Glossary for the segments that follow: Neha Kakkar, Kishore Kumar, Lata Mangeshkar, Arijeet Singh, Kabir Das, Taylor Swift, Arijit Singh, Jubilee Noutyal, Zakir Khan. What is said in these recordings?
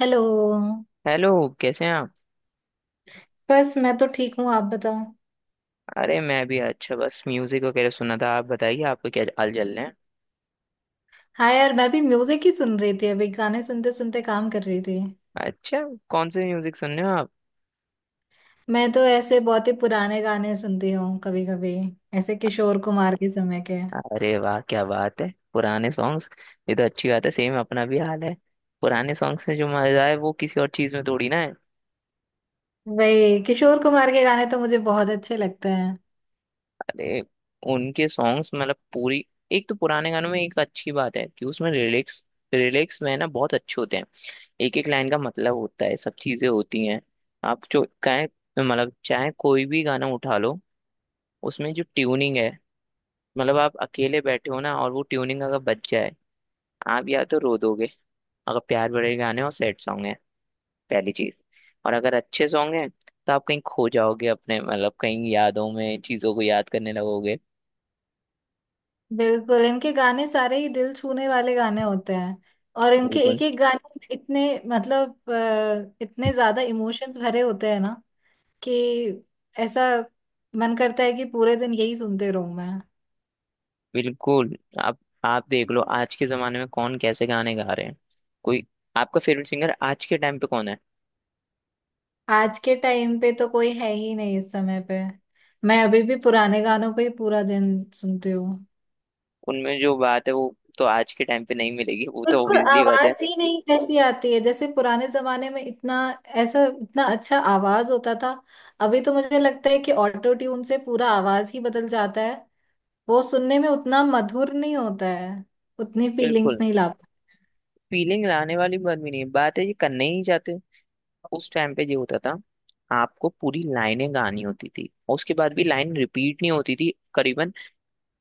Hello. Hello. कैसे हैं आप? बस मैं तो ठीक हूँ, आप बताओ। अरे मैं भी अच्छा, बस म्यूजिक वगैरह सुना था। आप बताइए आपको क्या हाल चल रहे हैं? हाँ यार, मैं भी म्यूजिक ही सुन रही थी। अभी गाने सुनते सुनते काम कर रही थी। अच्छा। कौन से म्यूजिक सुन रहे हो आप? मैं तो ऐसे बहुत ही पुराने गाने सुनती हूँ कभी कभी, ऐसे किशोर कुमार के समय के। अरे वाह क्या बात है, पुराने सॉन्ग्स। ये तो अच्छी बात है, सेम अपना भी हाल है। पुराने सॉन्ग्स में जो मजा है वो किसी और चीज में थोड़ी ना है। वही किशोर कुमार के गाने तो मुझे बहुत अच्छे लगते हैं। अरे, उनके सॉन्ग्स मतलब पूरी। एक तो पुराने गानों में एक अच्छी बात है कि उसमें लिरिक्स, लिरिक्स में ना बहुत अच्छे होते हैं। एक एक लाइन का मतलब होता है, सब चीजें होती हैं। आप जो चाहे, मतलब चाहे कोई भी गाना उठा लो, उसमें जो ट्यूनिंग है, मतलब आप अकेले बैठे हो ना, और वो ट्यूनिंग अगर बच जाए, आप या तो रो दोगे अगर प्यार भरे गाने और सैड सॉन्ग है, पहली चीज। और अगर अच्छे सॉन्ग हैं तो आप कहीं खो जाओगे अपने, मतलब कहीं यादों में चीजों को याद करने लगोगे। बिल्कुल, इनके गाने सारे ही दिल छूने वाले गाने होते हैं। और इनके बिल्कुल एक एक गाने में इतने मतलब इतने ज्यादा इमोशंस भरे होते हैं ना कि ऐसा मन करता है कि पूरे दिन यही सुनते रहूं मैं। बिल्कुल। आप देख लो आज के जमाने में कौन कैसे गाने गा रहे हैं। कोई, आपका फेवरेट सिंगर आज के टाइम पे कौन है? आज के टाइम पे तो कोई है ही नहीं इस समय पे। मैं अभी भी पुराने गानों पे ही पूरा दिन सुनती हूँ। उनमें जो बात है वो तो आज के टाइम पे नहीं मिलेगी, वो तो बिल्कुल, ऑब्वियसली बात है। आवाज ही नहीं कैसी आती है, जैसे पुराने जमाने में इतना ऐसा इतना अच्छा आवाज होता था। अभी तो मुझे लगता है कि ऑटो ट्यून से पूरा आवाज ही बदल जाता है। वो सुनने में उतना मधुर नहीं होता है। उतनी फीलिंग्स बिल्कुल। नहीं ला। फीलिंग लाने वाली बात भी नहीं है, बात है ये करना ही नहीं चाहते। उस टाइम पे ये होता था, आपको पूरी लाइनें गानी होती थी और उसके बाद भी लाइन रिपीट नहीं होती थी करीबन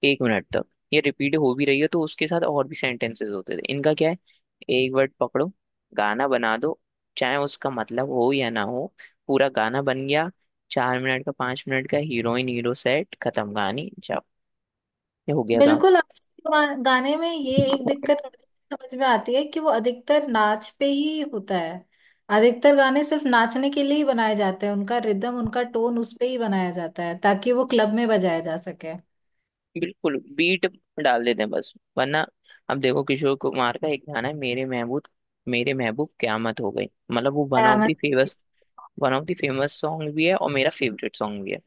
एक मिनट तक। ये रिपीट हो भी रही है तो उसके साथ और भी सेंटेंसेस होते थे। इनका क्या है, एक वर्ड पकड़ो, गाना बना दो, चाहे उसका मतलब हो या ना हो, पूरा गाना बन गया। चार मिनट का, पांच मिनट का, हीरोइन हीरो सेट, खत्म कहानी, जाओ, ये हो गया बिल्कुल, आजकल के गाने में ये एक काम। दिक्कत मुझे समझ में आती है कि वो अधिकतर नाच पे ही होता है। अधिकतर गाने सिर्फ नाचने के लिए ही बनाए जाते हैं। उनका रिदम उनका टोन उस पे ही बनाया जाता है ताकि वो क्लब में बजाया जा सके। बिल्कुल, बीट डाल देते हैं बस, वरना। अब देखो, किशोर कुमार का एक गाना है, मेरे महबूब, मेरे महबूब क्यामत हो गई। मतलब वो वन हाँ, of the famous, one of the famous song भी है और मेरा फेवरेट सॉन्ग भी है।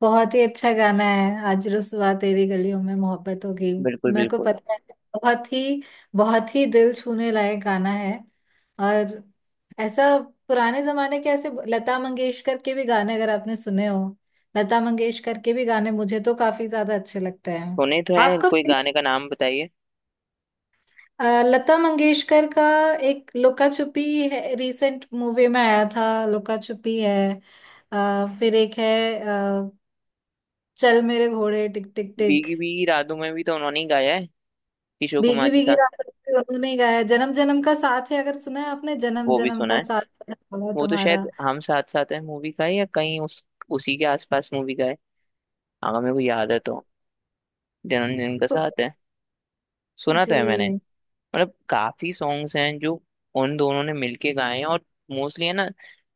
बहुत ही अच्छा गाना है। आज रुसवा तेरी गलियों में मोहब्बत होगी। बिल्कुल मेरे को बिल्कुल। पता है। बहुत ही बहुत ही दिल छूने लायक गाना है। और ऐसा पुराने जमाने के ऐसे लता मंगेशकर के भी गाने अगर आपने सुने हो। लता मंगेशकर के भी गाने मुझे तो काफी ज्यादा अच्छे लगते हैं। सुने तो है, आपका कोई गाने का नाम बताइए। लता मंगेशकर का एक लुका छुपी है। रिसेंट मूवी में आया था लुका छुपी है। फिर एक है, अ, चल मेरे घोड़े टिक टिक टिक। भीगी भीगी रातों में भी तो उन्होंने ही गाया है, किशोर कुमार भीगी के भीगी साथ। रातों में उन्होंने ही गाया। जन्म जन्म का साथ है, अगर सुना है आपने जन्म वो भी जन्म सुना का है। साथ। है होगा वो तो तुम्हारा। शायद हम साथ साथ है मूवी का है, या कहीं उस उसी के आसपास मूवी का है, अगर मेरे को याद है तो। जिन्होंने, जिनका तो- साथ है। सुना तो है मैंने। जी। मतलब काफी सॉन्ग्स हैं जो उन दोनों ने मिलके गाए हैं। और मोस्टली है ना,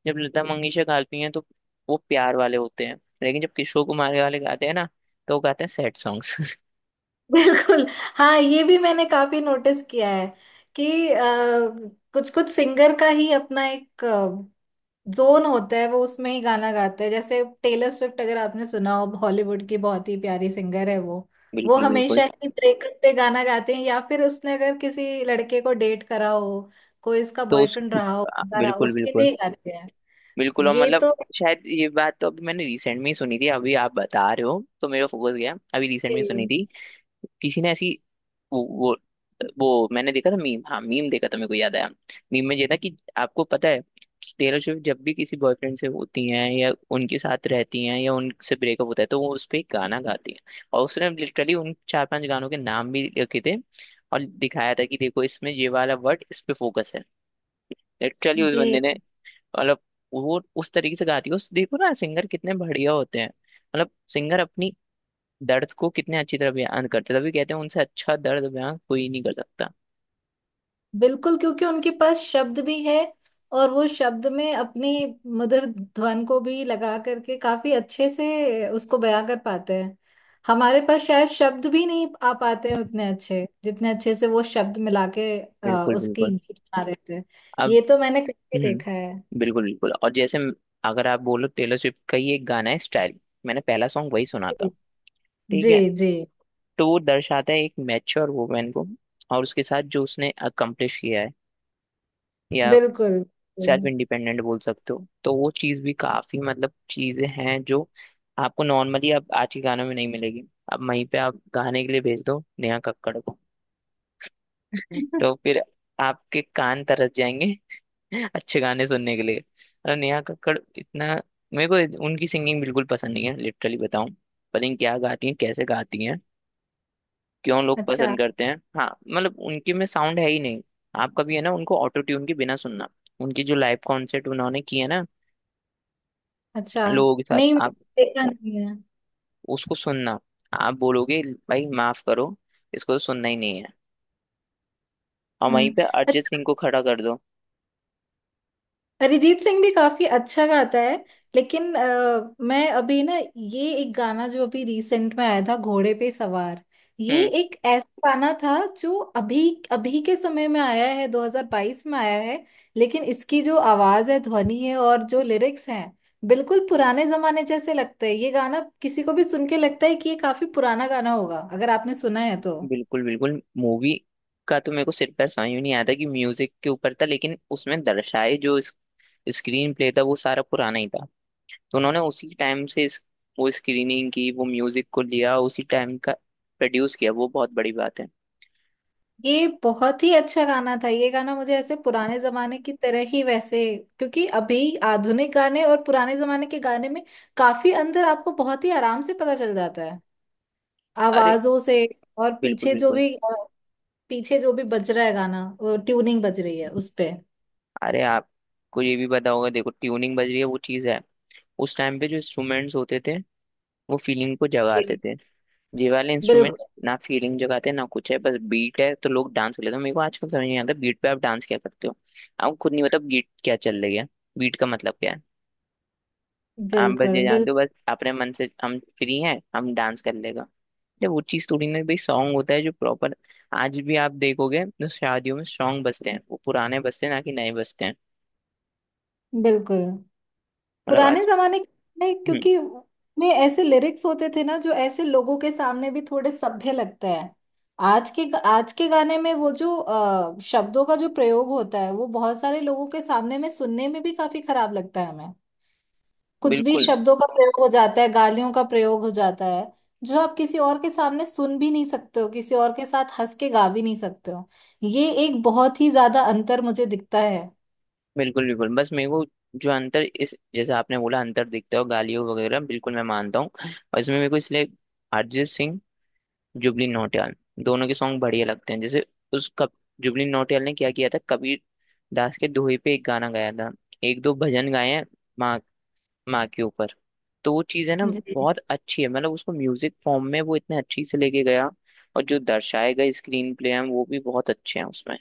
जब लता मंगेशकर गाती हैं तो वो प्यार वाले होते हैं, लेकिन जब किशोर कुमार वाले गाते हैं ना, तो वो गाते हैं सैड सॉन्ग्स। बिल्कुल। हाँ, ये भी मैंने काफी नोटिस किया है कि कुछ कुछ सिंगर का ही अपना एक जोन होता है, वो उसमें ही गाना गाते हैं। जैसे टेलर स्विफ्ट अगर आपने सुना हो, हॉलीवुड की बहुत ही प्यारी सिंगर है वो। वो बिल्कुल बिल्कुल। हमेशा ही ब्रेकअप पे गाना गाते हैं, या फिर उसने अगर किसी लड़के को डेट करा हो, कोई इसका तो उस, बॉयफ्रेंड रहा हो बंदा रहा हो, बिल्कुल उसके बिल्कुल। लिए ही गाते हैं। बिल्कुल और ये मतलब, तो शायद ये बात तो अभी मैंने रिसेंट में ही सुनी थी। अभी आप बता रहे हो तो मेरा फोकस गया, अभी रिसेंट में सुनी थी। किसी ने ऐसी, वो वो वो मैंने देखा था, मीम, हाँ मीम देखा था, मेरे को याद आया। मीम में ये था कि आपको पता है कि टेलर स्विफ्ट जब भी किसी बॉयफ्रेंड से होती हैं या उनके साथ रहती हैं या उनसे ब्रेकअप होता है तो वो उस पर गाना गाती हैं। और उसने लिटरली उन चार पांच गानों के नाम भी लिखे थे और दिखाया था कि देखो इसमें ये वाला वर्ड, इस पे फोकस है। लिटरली उस बंदे जी। ने, मतलब वो उस तरीके से गाती है। उस देखो ना, सिंगर कितने बढ़िया होते हैं, मतलब सिंगर अपनी दर्द को कितने अच्छी तरह बयान करते हैं। तभी कहते हैं उनसे अच्छा दर्द बयान कोई नहीं कर सकता। बिल्कुल, क्योंकि उनके पास शब्द भी है और वो शब्द में अपनी मधुर ध्वन को भी लगा करके काफी अच्छे से उसको बयां कर पाते हैं। हमारे पास शायद शब्द भी नहीं आ पाते हैं उतने अच्छे जितने अच्छे से वो शब्द मिला के बिल्कुल उसकी बिल्कुल। गीत बना देते हैं। अब, ये तो मैंने कभी देखा है। हम्म, बिल्कुल बिल्कुल। और जैसे अगर आप बोलो टेलर स्विफ्ट का ये गाना है, स्टाइल, मैंने पहला सॉन्ग वही सुना था, जी ठीक जी है। जी, तो वो दर्शाता है एक मैच्योर वुमेन को और उसके साथ जो उसने अकम्प्लिश किया है, या बिल्कुल सेल्फ बिल्कुल। इंडिपेंडेंट बोल सकते हो, तो वो चीज़ भी काफी, मतलब चीजें हैं जो आपको नॉर्मली अब आज के गानों में नहीं मिलेगी। अब वहीं पे आप गाने के लिए भेज दो नेहा कक्कड़ को, तो फिर आपके कान तरस जाएंगे। अच्छे गाने सुनने के लिए। अरे नेहा कक्कड़ इतना, मेरे को उनकी सिंगिंग बिल्कुल पसंद नहीं है। लिटरली बताऊं, पता नहीं क्या गाती हैं, कैसे गाती हैं, क्यों लोग अच्छा। पसंद करते हैं? हाँ मतलब उनके में साउंड है ही नहीं। आप कभी, है ना, उनको ऑटो ट्यून के बिना सुनना, उनकी जो लाइव कॉन्सर्ट उन्होंने किए है ना, अच्छा, लोगों के साथ, नहीं मैंने आप देखा उ- नहीं है। उसको सुनना, आप बोलोगे भाई माफ करो, इसको तो सुनना ही नहीं है। और वहीं हम्म। पे अरिजीत सिंह को खड़ा कर दो। अरिजीत सिंह भी काफी अच्छा गाता है, लेकिन मैं अभी ना ये एक गाना जो अभी रिसेंट में आया था, घोड़े पे सवार। ये हम्म, एक ऐसा गाना था जो अभी अभी के समय में आया है, 2022 में आया है। लेकिन इसकी जो आवाज है, ध्वनि है, और जो लिरिक्स हैं, बिल्कुल पुराने जमाने जैसे लगते हैं। ये गाना किसी को भी सुन के लगता है कि ये काफी पुराना गाना होगा, अगर आपने सुना है तो। बिल्कुल बिल्कुल। मूवी का तो मेरे को सिर पैर समझ में नहीं आया था कि म्यूजिक के ऊपर था, लेकिन उसमें दर्शाए जो स्क्रीन प्ले था वो सारा पुराना ही था। तो उन्होंने उसी टाइम से वो स्क्रीनिंग की, वो म्यूजिक को लिया उसी टाइम का, प्रोड्यूस किया। वो बहुत बड़ी बात है। ये बहुत ही अच्छा गाना था। ये गाना मुझे ऐसे पुराने जमाने की तरह ही वैसे, क्योंकि अभी आधुनिक गाने और पुराने जमाने के गाने में काफी अंतर आपको बहुत ही आराम से पता चल जाता है अरे आवाजों से। और बिल्कुल पीछे जो बिल्कुल। भी पीछे जो भी बज रहा है गाना, वो ट्यूनिंग बज रही है उस पे। अरे आपको ये भी पता होगा, देखो ट्यूनिंग बज रही है वो चीज़ है, उस टाइम पे जो इंस्ट्रूमेंट्स होते थे वो फीलिंग को जगाते जी। थे। ये वाले इंस्ट्रूमेंट बिल्कुल ना फीलिंग जगाते ना कुछ है, बस बीट है तो लोग डांस कर लेते हैं। मेरे को आजकल समझ नहीं आता, बीट पे आप डांस क्या करते हो? आप खुद नहीं पता बीट क्या चल रही है, बीट का मतलब क्या है। आप बस बिल्कुल। ये जानते बिल्कुल। हो बस अपने मन से हम फ्री हैं, हम डांस कर लेगा। जब वो चीज़ थोड़ी ना, भाई सॉन्ग होता है जो प्रॉपर, आज भी आप देखोगे तो शादियों में सॉन्ग बजते हैं वो पुराने बजते हैं, ना कि नए बजते हैं। बिल्कुल मतलब पुराने आज, जमाने के, नहीं, हम्म, क्योंकि में ऐसे लिरिक्स होते थे ना जो ऐसे लोगों के सामने भी थोड़े सभ्य लगते हैं। आज के आज के गाने में वो जो शब्दों का जो प्रयोग होता है वो बहुत सारे लोगों के सामने में सुनने में भी काफी खराब लगता है हमें। कुछ भी बिल्कुल शब्दों का प्रयोग हो जाता है, गालियों का प्रयोग हो जाता है, जो आप किसी और के सामने सुन भी नहीं सकते हो, किसी और के साथ हंस के गा भी नहीं सकते हो। ये एक बहुत ही ज्यादा अंतर मुझे दिखता है। बिल्कुल। बिल्कुल बस मेरे को, जो अंतर इस, जैसे आपने बोला अंतर दिखता है और गालियों वगैरह, बिल्कुल मैं मानता हूँ। और इसमें मेरे को इसलिए अरिजीत सिंह, जुबली नौटियाल, दोनों के सॉन्ग बढ़िया लगते हैं। जैसे उस कब जुबली नौटियाल ने क्या किया था, कबीर दास के दोहे पे एक गाना गाया था। एक दो भजन गाए हैं, माँ, माँ के ऊपर। तो वो चीज़ है ना, जी। बहुत अच्छी है, मतलब उसको म्यूजिक फॉर्म में वो इतने अच्छी से लेके गया। और जो दर्शाए गए स्क्रीन प्ले हैं वो भी बहुत अच्छे हैं उसमें।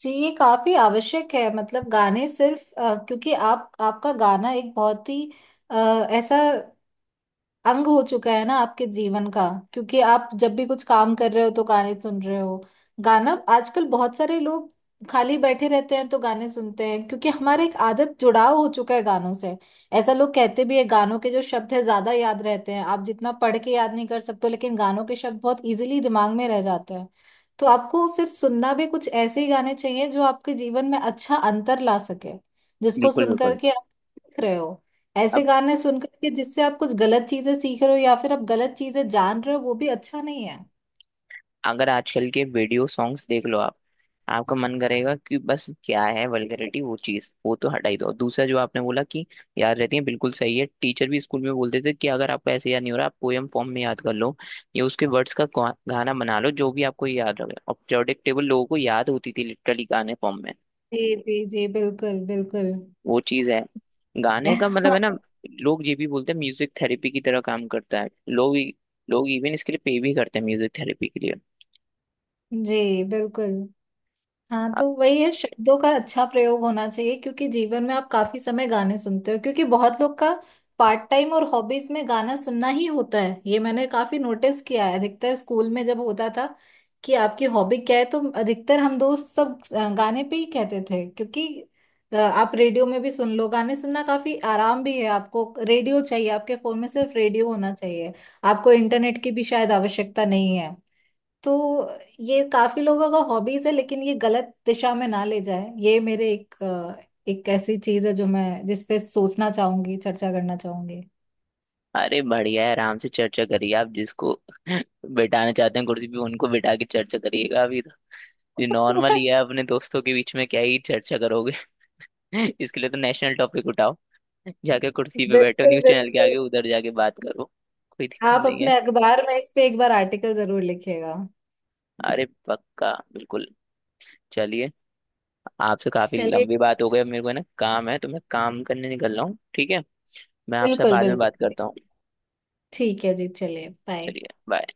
जी, ये काफी आवश्यक है। मतलब गाने सिर्फ क्योंकि आप आपका गाना एक बहुत ही अ, ऐसा अंग हो चुका है ना आपके जीवन का। क्योंकि आप जब भी कुछ काम कर रहे हो तो गाने सुन रहे हो। गाना आजकल बहुत सारे लोग खाली बैठे रहते हैं तो गाने सुनते हैं, क्योंकि हमारा एक आदत जुड़ाव हो चुका है गानों से। ऐसा लोग कहते भी है गानों के जो शब्द है ज्यादा याद रहते हैं, आप जितना पढ़ के याद नहीं कर सकते हो, लेकिन गानों के शब्द बहुत इजीली दिमाग में रह जाते हैं। तो आपको फिर सुनना भी कुछ ऐसे ही गाने चाहिए जो आपके जीवन में अच्छा अंतर ला सके, जिसको बिल्कुल सुन बिल्कुल। करके आप सीख रहे हो। ऐसे गाने सुनकर के जिससे आप कुछ गलत चीजें सीख रहे हो या फिर आप गलत चीजें जान रहे हो वो भी अच्छा नहीं है। अगर आजकल के वीडियो सॉन्ग्स देख लो आप, आपका मन करेगा कि बस क्या है वल्गैरिटी, वो चीज वो तो हटा ही दो। दूसरा जो आपने बोला कि याद रहती है, बिल्कुल सही है। टीचर भी स्कूल में बोलते थे कि अगर आपको ऐसे याद नहीं हो रहा आप पोयम फॉर्म में याद कर लो, या उसके वर्ड्स का गाना बना लो जो भी आपको याद रहे। और प्रेडिक्टेबल लोगों को याद होती थी, लिटरली गाने फॉर्म में। जी जी जी, बिल्कुल बिल्कुल। वो चीज है, गाने का मतलब है ना। लोग ये भी बोलते हैं म्यूजिक थेरेपी की तरह काम करता है। लोग लोग इवन इसके लिए पे भी करते हैं, म्यूजिक थेरेपी के लिए। जी बिल्कुल। हाँ, तो वही है शब्दों का अच्छा प्रयोग होना चाहिए, क्योंकि जीवन में आप काफी समय गाने सुनते हो। क्योंकि बहुत लोग का पार्ट टाइम और हॉबीज में गाना सुनना ही होता है। ये मैंने काफी नोटिस किया है, अधिकतर स्कूल में जब होता था कि आपकी हॉबी क्या है, तो अधिकतर हम दोस्त सब गाने पे ही कहते थे। क्योंकि आप रेडियो में भी सुन लो, गाने सुनना काफी आराम भी है। आपको रेडियो चाहिए आपके फोन में, सिर्फ रेडियो होना चाहिए, आपको इंटरनेट की भी शायद आवश्यकता नहीं है। तो ये काफी लोगों का हॉबीज है, लेकिन ये गलत दिशा में ना ले जाए, ये मेरे एक एक ऐसी चीज है जो मैं जिस पे सोचना चाहूंगी, चर्चा करना चाहूंगी। अरे बढ़िया है, आराम से चर्चा करिए। आप जिसको बिठाना चाहते हैं कुर्सी पे उनको बिठा के चर्चा करिएगा। अभी तो ये नॉर्मल ही है, अपने दोस्तों के बीच में क्या ही चर्चा करोगे। इसके लिए तो नेशनल टॉपिक उठाओ, जाके कुर्सी पे बैठो बिल्कुल न्यूज चैनल के बिल्कुल। आगे, उधर जाके बात करो, कोई दिक्कत आप नहीं है। अपने अखबार में इस पे एक बार आर्टिकल जरूर लिखिएगा। अरे पक्का बिल्कुल। चलिए, आपसे काफी चलिए। लंबी बात हो गई। अब मेरे को है ना काम है, तो मैं काम करने निकल रहा हूँ, ठीक है। मैं आपसे बिल्कुल बाद में बिल्कुल। बात करता हूँ। ठीक है जी, चलिए, बाय। चलिए बाय।